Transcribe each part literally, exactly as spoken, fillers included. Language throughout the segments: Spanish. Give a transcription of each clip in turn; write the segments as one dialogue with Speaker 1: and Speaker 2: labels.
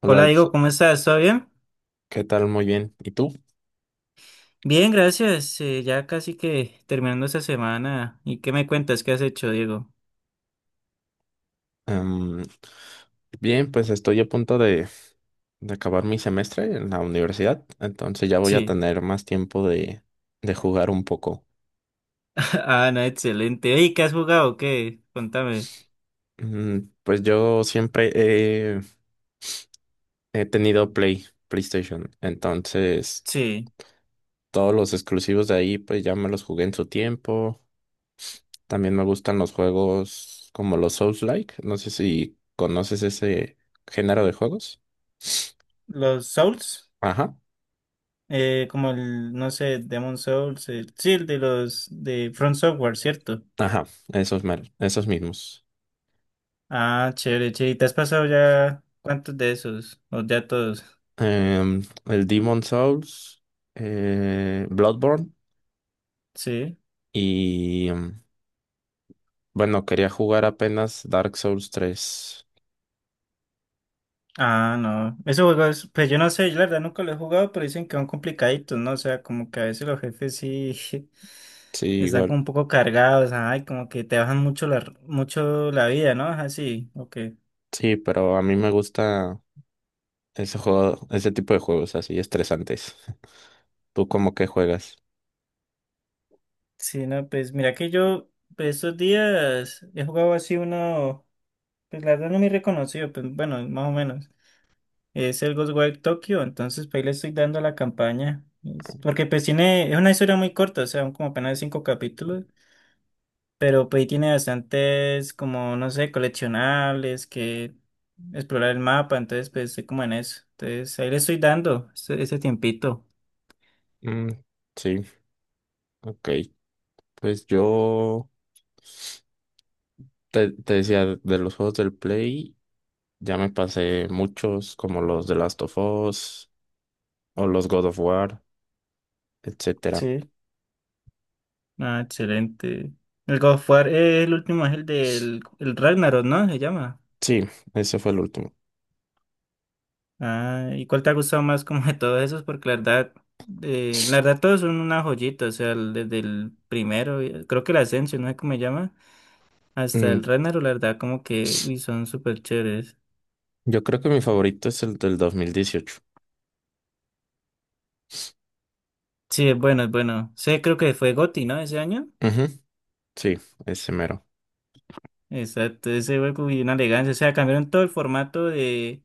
Speaker 1: Hola,
Speaker 2: Hola,
Speaker 1: Alex.
Speaker 2: Diego, ¿cómo estás? ¿Todo bien?
Speaker 1: ¿Qué tal? Muy bien. ¿Y tú?
Speaker 2: Bien, gracias. eh, ya casi que terminando esta semana. ¿Y qué me cuentas? ¿Qué has hecho, Diego?
Speaker 1: Em, Bien, pues estoy a punto de, de acabar mi semestre en la universidad, entonces ya voy a
Speaker 2: Sí.
Speaker 1: tener más tiempo de, de jugar un poco.
Speaker 2: Ah, no, excelente. ¿Y qué has jugado? ¿Qué? Contame.
Speaker 1: Mm, Pues yo siempre he, he tenido Play, PlayStation, entonces
Speaker 2: Sí.
Speaker 1: todos los exclusivos de ahí pues ya me los jugué en su tiempo. También me gustan los juegos como los Souls-like, no sé si conoces ese género de juegos.
Speaker 2: Los Souls,
Speaker 1: Ajá.
Speaker 2: eh, como el, no sé, Demon Souls, el, sí, el de los de Front Software, ¿cierto?
Speaker 1: Ajá, esos, mer- esos mismos.
Speaker 2: Ah, chévere, chévere. ¿Y te has pasado ya cuántos de esos? ¿O ya todos?
Speaker 1: Em, el Demon Souls, eh, Bloodborne
Speaker 2: Sí.
Speaker 1: y em, bueno, quería jugar apenas Dark Souls tres.
Speaker 2: Ah, no. Esos juegos, pues yo no sé, yo la verdad nunca lo he jugado, pero dicen que son complicaditos, ¿no? O sea, como que a veces los jefes sí
Speaker 1: Sí,
Speaker 2: están
Speaker 1: igual.
Speaker 2: como un poco cargados, ay, como que te bajan mucho la, mucho la vida, ¿no? Así, ok.
Speaker 1: Sí, pero a mí me gusta ese juego, ese tipo de juegos así estresantes. ¿Tú cómo que juegas?
Speaker 2: Sí, no, pues mira que yo pues, estos días he jugado así uno, pues la verdad no me reconocido, pues bueno, más o menos. Es el Ghostwire Tokyo, entonces pues ahí le estoy dando la campaña. Es- Porque pues tiene, es una historia muy corta, o sea, como apenas cinco capítulos. Pero pues ahí tiene bastantes, como, no sé, coleccionables, que explorar el mapa, entonces pues estoy como en eso. Entonces ahí le estoy dando ese, ese tiempito.
Speaker 1: Mm, sí, ok. Pues yo te, te decía de los juegos del Play, ya me pasé muchos como los de Last of Us o los God of War, etcétera.
Speaker 2: Sí. Ah, excelente. El God of War, eh, el último es el del el Ragnarok, ¿no? Se llama.
Speaker 1: Sí, ese fue el último.
Speaker 2: Ah, ¿y cuál te ha gustado más como de todos esos? Porque la verdad, eh, la verdad todos son una joyita, o sea, el- desde el primero, eh, creo que el Ascension, no sé cómo se llama, hasta el
Speaker 1: Mm,
Speaker 2: Ragnarok, la verdad como que uy, son súper chéveres.
Speaker 1: yo creo que mi favorito es el del dos mil dieciocho.
Speaker 2: Sí, es bueno, es bueno. Sí, creo que fue GOTY, ¿no? Ese año.
Speaker 1: Ujú, sí, ese mero.
Speaker 2: Exacto, ese juego y una elegancia. O sea, cambiaron todo el formato de.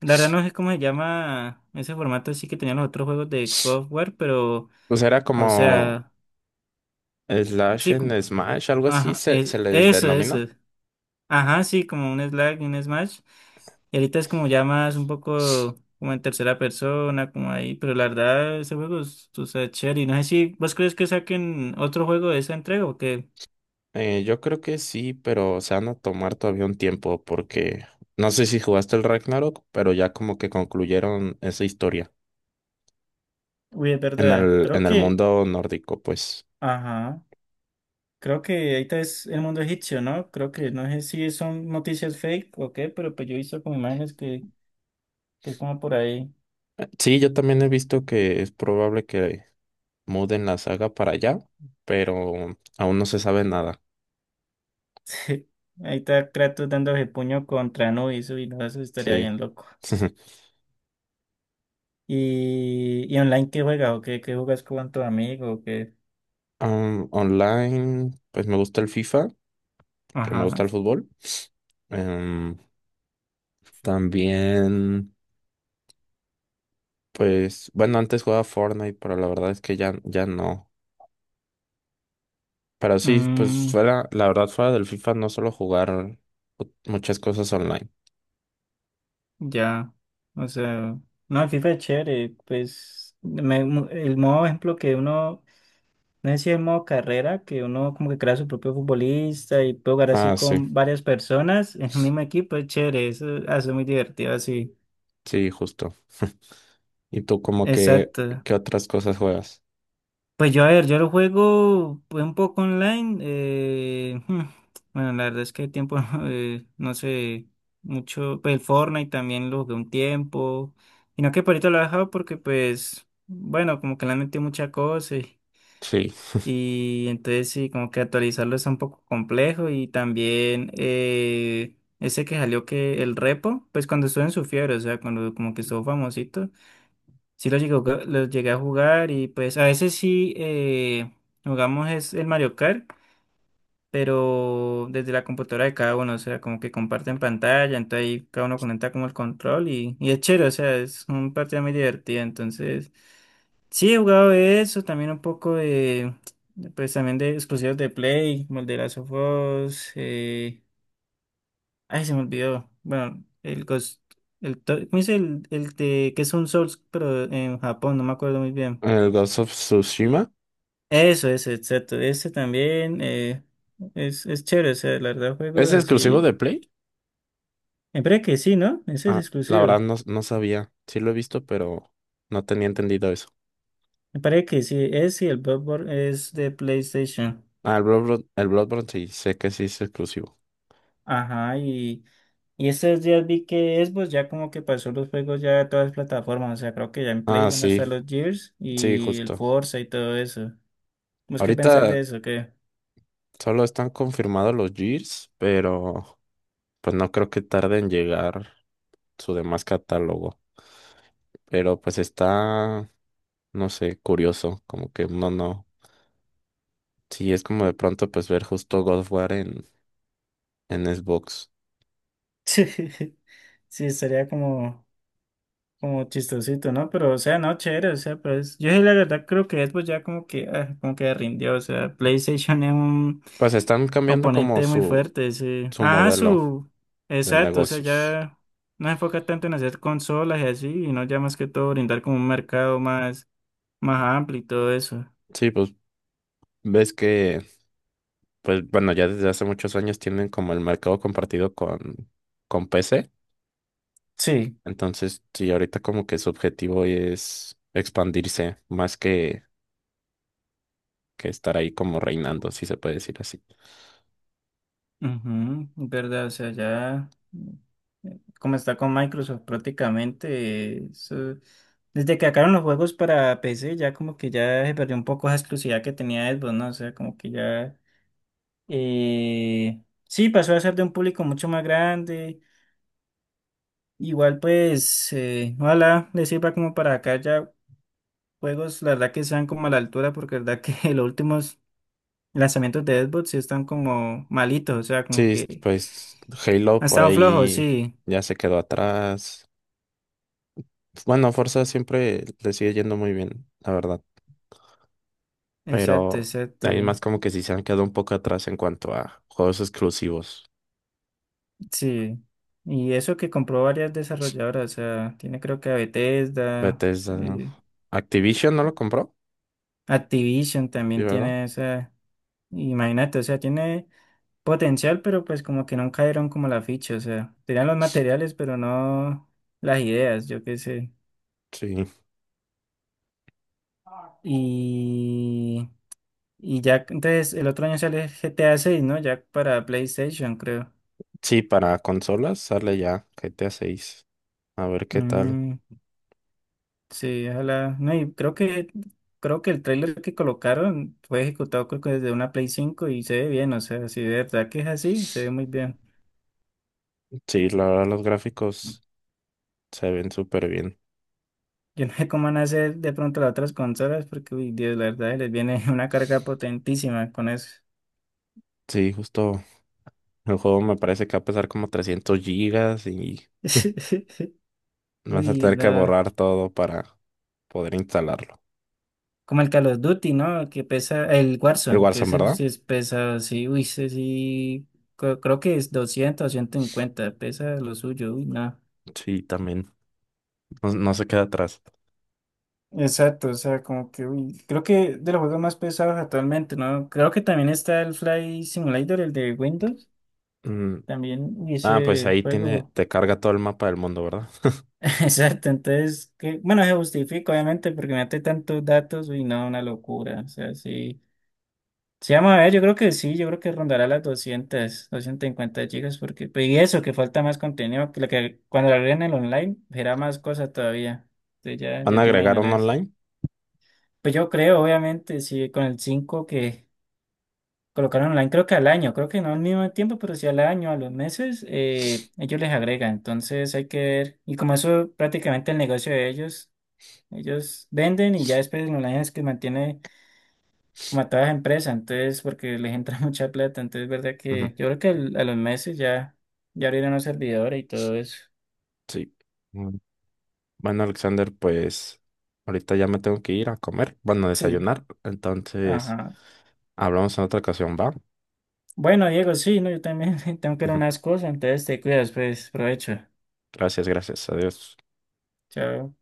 Speaker 2: La verdad no sé cómo se llama ese formato, sí que tenían los otros juegos de God of War, pero.
Speaker 1: O sea, era
Speaker 2: O
Speaker 1: como
Speaker 2: sea,
Speaker 1: Slash
Speaker 2: sí, como-
Speaker 1: en Smash, algo así
Speaker 2: ajá,
Speaker 1: se, se
Speaker 2: es-
Speaker 1: les
Speaker 2: eso, eso.
Speaker 1: denomina.
Speaker 2: Ajá, sí, como un Slack y un Smash. Y ahorita es como ya más un poco como en tercera persona, como ahí, pero la verdad ese juego es, o sea, chévere. Y no sé si vos crees que saquen otro juego de esa entrega o qué.
Speaker 1: Eh, yo creo que sí, pero se van a tomar todavía un tiempo porque no sé si jugaste el Ragnarok, pero ya como que concluyeron esa historia
Speaker 2: Uy, es
Speaker 1: en
Speaker 2: verdad.
Speaker 1: el,
Speaker 2: Creo
Speaker 1: en el
Speaker 2: que
Speaker 1: mundo nórdico, pues.
Speaker 2: ajá. Creo que ahorita es el mundo egipcio, ¿no? Creo que no sé si son noticias fake o qué, pero pues yo he visto como imágenes que, que es como por ahí.
Speaker 1: Eh, Sí, yo también he visto que es probable que muden la saga para allá, pero aún no se sabe nada.
Speaker 2: Sí. Ahí está Kratos dándose puño contra Anubis y no, eso estaría
Speaker 1: Sí.
Speaker 2: bien loco. ¿Y, y online qué juegas o qué, qué jugas con tu amigo o qué?
Speaker 1: Um, online, pues me gusta el FIFA, que me gusta
Speaker 2: Ajá.
Speaker 1: el fútbol. Em, También, pues, bueno, antes jugaba Fortnite, pero la verdad es que ya, ya no. Pero sí, pues
Speaker 2: Mm,
Speaker 1: fuera, la verdad, fuera del FIFA no suelo jugar ot- muchas cosas online.
Speaker 2: ya. O sea, no, el FIFA es chévere. Pues me- el modo ejemplo que uno no sé si es modo carrera, que uno como que crea su propio futbolista y puede jugar así
Speaker 1: Ah, sí,
Speaker 2: con varias personas en un mismo equipo, es chévere, eso hace muy divertido así.
Speaker 1: sí, justo. ¿Y tú como que,
Speaker 2: Exacto.
Speaker 1: qué otras cosas juegas?
Speaker 2: Pues yo, a ver, yo lo juego pues, un poco online. eh, hmm, bueno, la verdad es que el tiempo, eh, no sé, mucho. Pues el Fortnite también lo jugué un tiempo. Y no que por ahorita lo he dejado porque, pues, bueno, como que le han metido mucha cosa.
Speaker 1: Sí.
Speaker 2: Y entonces sí, como que actualizarlo es un poco complejo y también eh, ese que salió que el repo, pues cuando estuvo en su fiebre, o sea, cuando como que estuvo famosito, sí lo llegué, a jugar- lo llegué a jugar y pues a veces sí eh, jugamos es el Mario Kart, pero desde la computadora de cada uno, o sea, como que comparten pantalla, entonces ahí cada uno conecta como el control y, y es chévere, o sea, es un partido muy divertido, entonces... Sí, he jugado de eso, también un poco de, de, pues también de exclusivos de Play, como el de Last of Us, eh, ay, se me olvidó, bueno, el Ghost, el, to- ¿cómo dice el, el de, que es un Souls, pero en Japón, no me acuerdo muy bien.
Speaker 1: El Ghost of Tsushima.
Speaker 2: Eso, eso, exacto, ese también, eh, es, es chévere, o sea, la verdad, juegos
Speaker 1: ¿Es exclusivo de
Speaker 2: así,
Speaker 1: Play?
Speaker 2: me parece que sí, ¿no? Ese es
Speaker 1: Ah, la
Speaker 2: exclusivo,
Speaker 1: verdad no, no sabía. Sí lo he visto, pero no tenía entendido.
Speaker 2: me parece que sí, ese y el Bloodborne es de PlayStation,
Speaker 1: Ah, el Bloodborne, el Bloodborne sí, sé que sí es exclusivo.
Speaker 2: ajá, y... Y estos días vi que Xbox ya como que pasó los juegos ya a todas las plataformas. O sea, creo que ya en Play
Speaker 1: Ah,
Speaker 2: van a
Speaker 1: sí,
Speaker 2: estar los Gears
Speaker 1: sí,
Speaker 2: y el
Speaker 1: justo.
Speaker 2: Forza y todo eso. ¿Vos qué pensás
Speaker 1: Ahorita
Speaker 2: de eso? ¿Qué?
Speaker 1: solo están confirmados los Gears, pero pues no creo que tarde en llegar su demás catálogo. Pero pues está, no sé, curioso, como que no, no. Sí, es como de pronto pues ver justo God of War en, en Xbox.
Speaker 2: Sí, sería como, como chistosito, ¿no? Pero, o sea, no, chévere, o sea, pues yo sí la verdad creo que Xbox ya como que, ah, como que rindió. O sea, PlayStation es un
Speaker 1: Pues están cambiando como
Speaker 2: oponente muy
Speaker 1: su,
Speaker 2: fuerte, sí.
Speaker 1: su
Speaker 2: Ajá,
Speaker 1: modelo
Speaker 2: su...
Speaker 1: de
Speaker 2: Exacto, o sea,
Speaker 1: negocios.
Speaker 2: ya no se enfoca tanto en hacer consolas y así, y no ya más que todo brindar como un mercado más más amplio y todo eso.
Speaker 1: Sí, pues ves que pues bueno, ya desde hace muchos años tienen como el mercado compartido con, con P C.
Speaker 2: Sí,
Speaker 1: Entonces, sí, ahorita como que su objetivo es expandirse más que, que estar ahí como reinando, si se puede decir así.
Speaker 2: ujú, es verdad, o sea, ya mm, eh, como está con Microsoft prácticamente, eh, eso- desde que sacaron los juegos para P C, ya como que ya se perdió un poco esa exclusividad que tenía Xbox, ¿no? O sea, como que ya, eh, sí, pasó a ser de un público mucho más grande, igual pues, eh, ojalá les sirva como para acá ya juegos, la verdad que sean como a la altura, porque la verdad que los últimos lanzamientos de Xbox sí están como malitos, o sea, como
Speaker 1: Sí,
Speaker 2: que...
Speaker 1: pues Halo
Speaker 2: Ha
Speaker 1: por
Speaker 2: estado flojo,
Speaker 1: ahí
Speaker 2: sí.
Speaker 1: ya se quedó atrás. Bueno, Forza siempre le sigue yendo muy bien, la verdad.
Speaker 2: Exacto,
Speaker 1: Pero hay
Speaker 2: exacto.
Speaker 1: más como que sí se han quedado un poco atrás en cuanto a juegos exclusivos.
Speaker 2: Sí. Y eso que compró varias desarrolladoras, o sea, tiene creo que a Bethesda,
Speaker 1: Bethesda.
Speaker 2: eh,
Speaker 1: Activision no lo compró,
Speaker 2: Activision
Speaker 1: ¿sí,
Speaker 2: también
Speaker 1: verdad?
Speaker 2: tiene esa. Imagínate, o sea, tiene potencial, pero pues como que no cayeron como la ficha, o sea, tenían los materiales, pero no las ideas, yo qué sé.
Speaker 1: Sí.
Speaker 2: Y, y ya, entonces el otro año sale G T A seis, ¿no? Ya para PlayStation, creo.
Speaker 1: Sí, para consolas sale ya G T A seis. A seis. A ver qué tal.
Speaker 2: Mm. Sí, ojalá. No, y creo que creo que el tráiler que colocaron fue ejecutado creo que desde una Play cinco y se ve bien, o sea, si de verdad que es así, se ve muy bien.
Speaker 1: Sí, la verdad los gráficos se ven súper bien.
Speaker 2: Yo no sé cómo van a hacer de pronto las otras consolas porque uy, Dios, la verdad les viene una carga potentísima con eso.
Speaker 1: Sí, justo el juego me parece que va a pesar como trescientos gigas y vas a
Speaker 2: Uy,
Speaker 1: tener que
Speaker 2: no.
Speaker 1: borrar todo para poder instalarlo.
Speaker 2: Como el Call of Duty, ¿no? Que pesa el
Speaker 1: El
Speaker 2: Warzone, que
Speaker 1: Warzone,
Speaker 2: ese
Speaker 1: ¿verdad?
Speaker 2: sí es pesado, sí, uy, ese sí cre- creo que es doscientos o ciento cincuenta, pesa lo suyo, uy, no.
Speaker 1: Sí, también. No, no se queda atrás.
Speaker 2: Exacto, o sea, como que, uy, creo que de los juegos más pesados actualmente, ¿no? Creo que también está el Flight Simulator, el de Windows,
Speaker 1: Mm,
Speaker 2: también, uy,
Speaker 1: Ah, pues
Speaker 2: ese
Speaker 1: ahí tiene,
Speaker 2: juego.
Speaker 1: te carga todo el mapa del mundo, ¿verdad?
Speaker 2: Exacto, entonces, que, bueno, se justifica, obviamente, porque mete tantos datos, uy, no, una locura, o sea, sí. Sí, vamos a ver, yo creo que sí, yo creo que rondará las doscientos cincuenta gigas, porque, pues, y eso, que falta más contenido, que, lo que cuando lo agreguen el online, será más cosa todavía, entonces ya,
Speaker 1: ¿Van
Speaker 2: ya
Speaker 1: a
Speaker 2: te
Speaker 1: agregar un
Speaker 2: imaginarás.
Speaker 1: online?
Speaker 2: Pues yo creo, obviamente, sí, con el cinco que colocaron online, creo que al año, creo que no al mismo tiempo, pero sí al año, a los meses, eh, ellos les agregan. Entonces hay que ver. Y como eso prácticamente el negocio de ellos, ellos venden y ya después el online es que mantiene como a todas las empresas, entonces porque les entra mucha plata. Entonces, verdad
Speaker 1: Ujú,
Speaker 2: que yo creo que al- a los meses ya, ya abrieron los servidores y todo eso.
Speaker 1: sí. Mm, Bueno, Alexander, pues ahorita ya me tengo que ir a comer, bueno, a
Speaker 2: Sí,
Speaker 1: desayunar. Entonces,
Speaker 2: ajá.
Speaker 1: hablamos en otra ocasión, ¿va?
Speaker 2: Bueno, Diego, sí, no, yo también tengo que ir a
Speaker 1: Ujú,
Speaker 2: unas cosas, entonces te cuidas, pues, provecho.
Speaker 1: gracias, gracias. Adiós.
Speaker 2: Chao.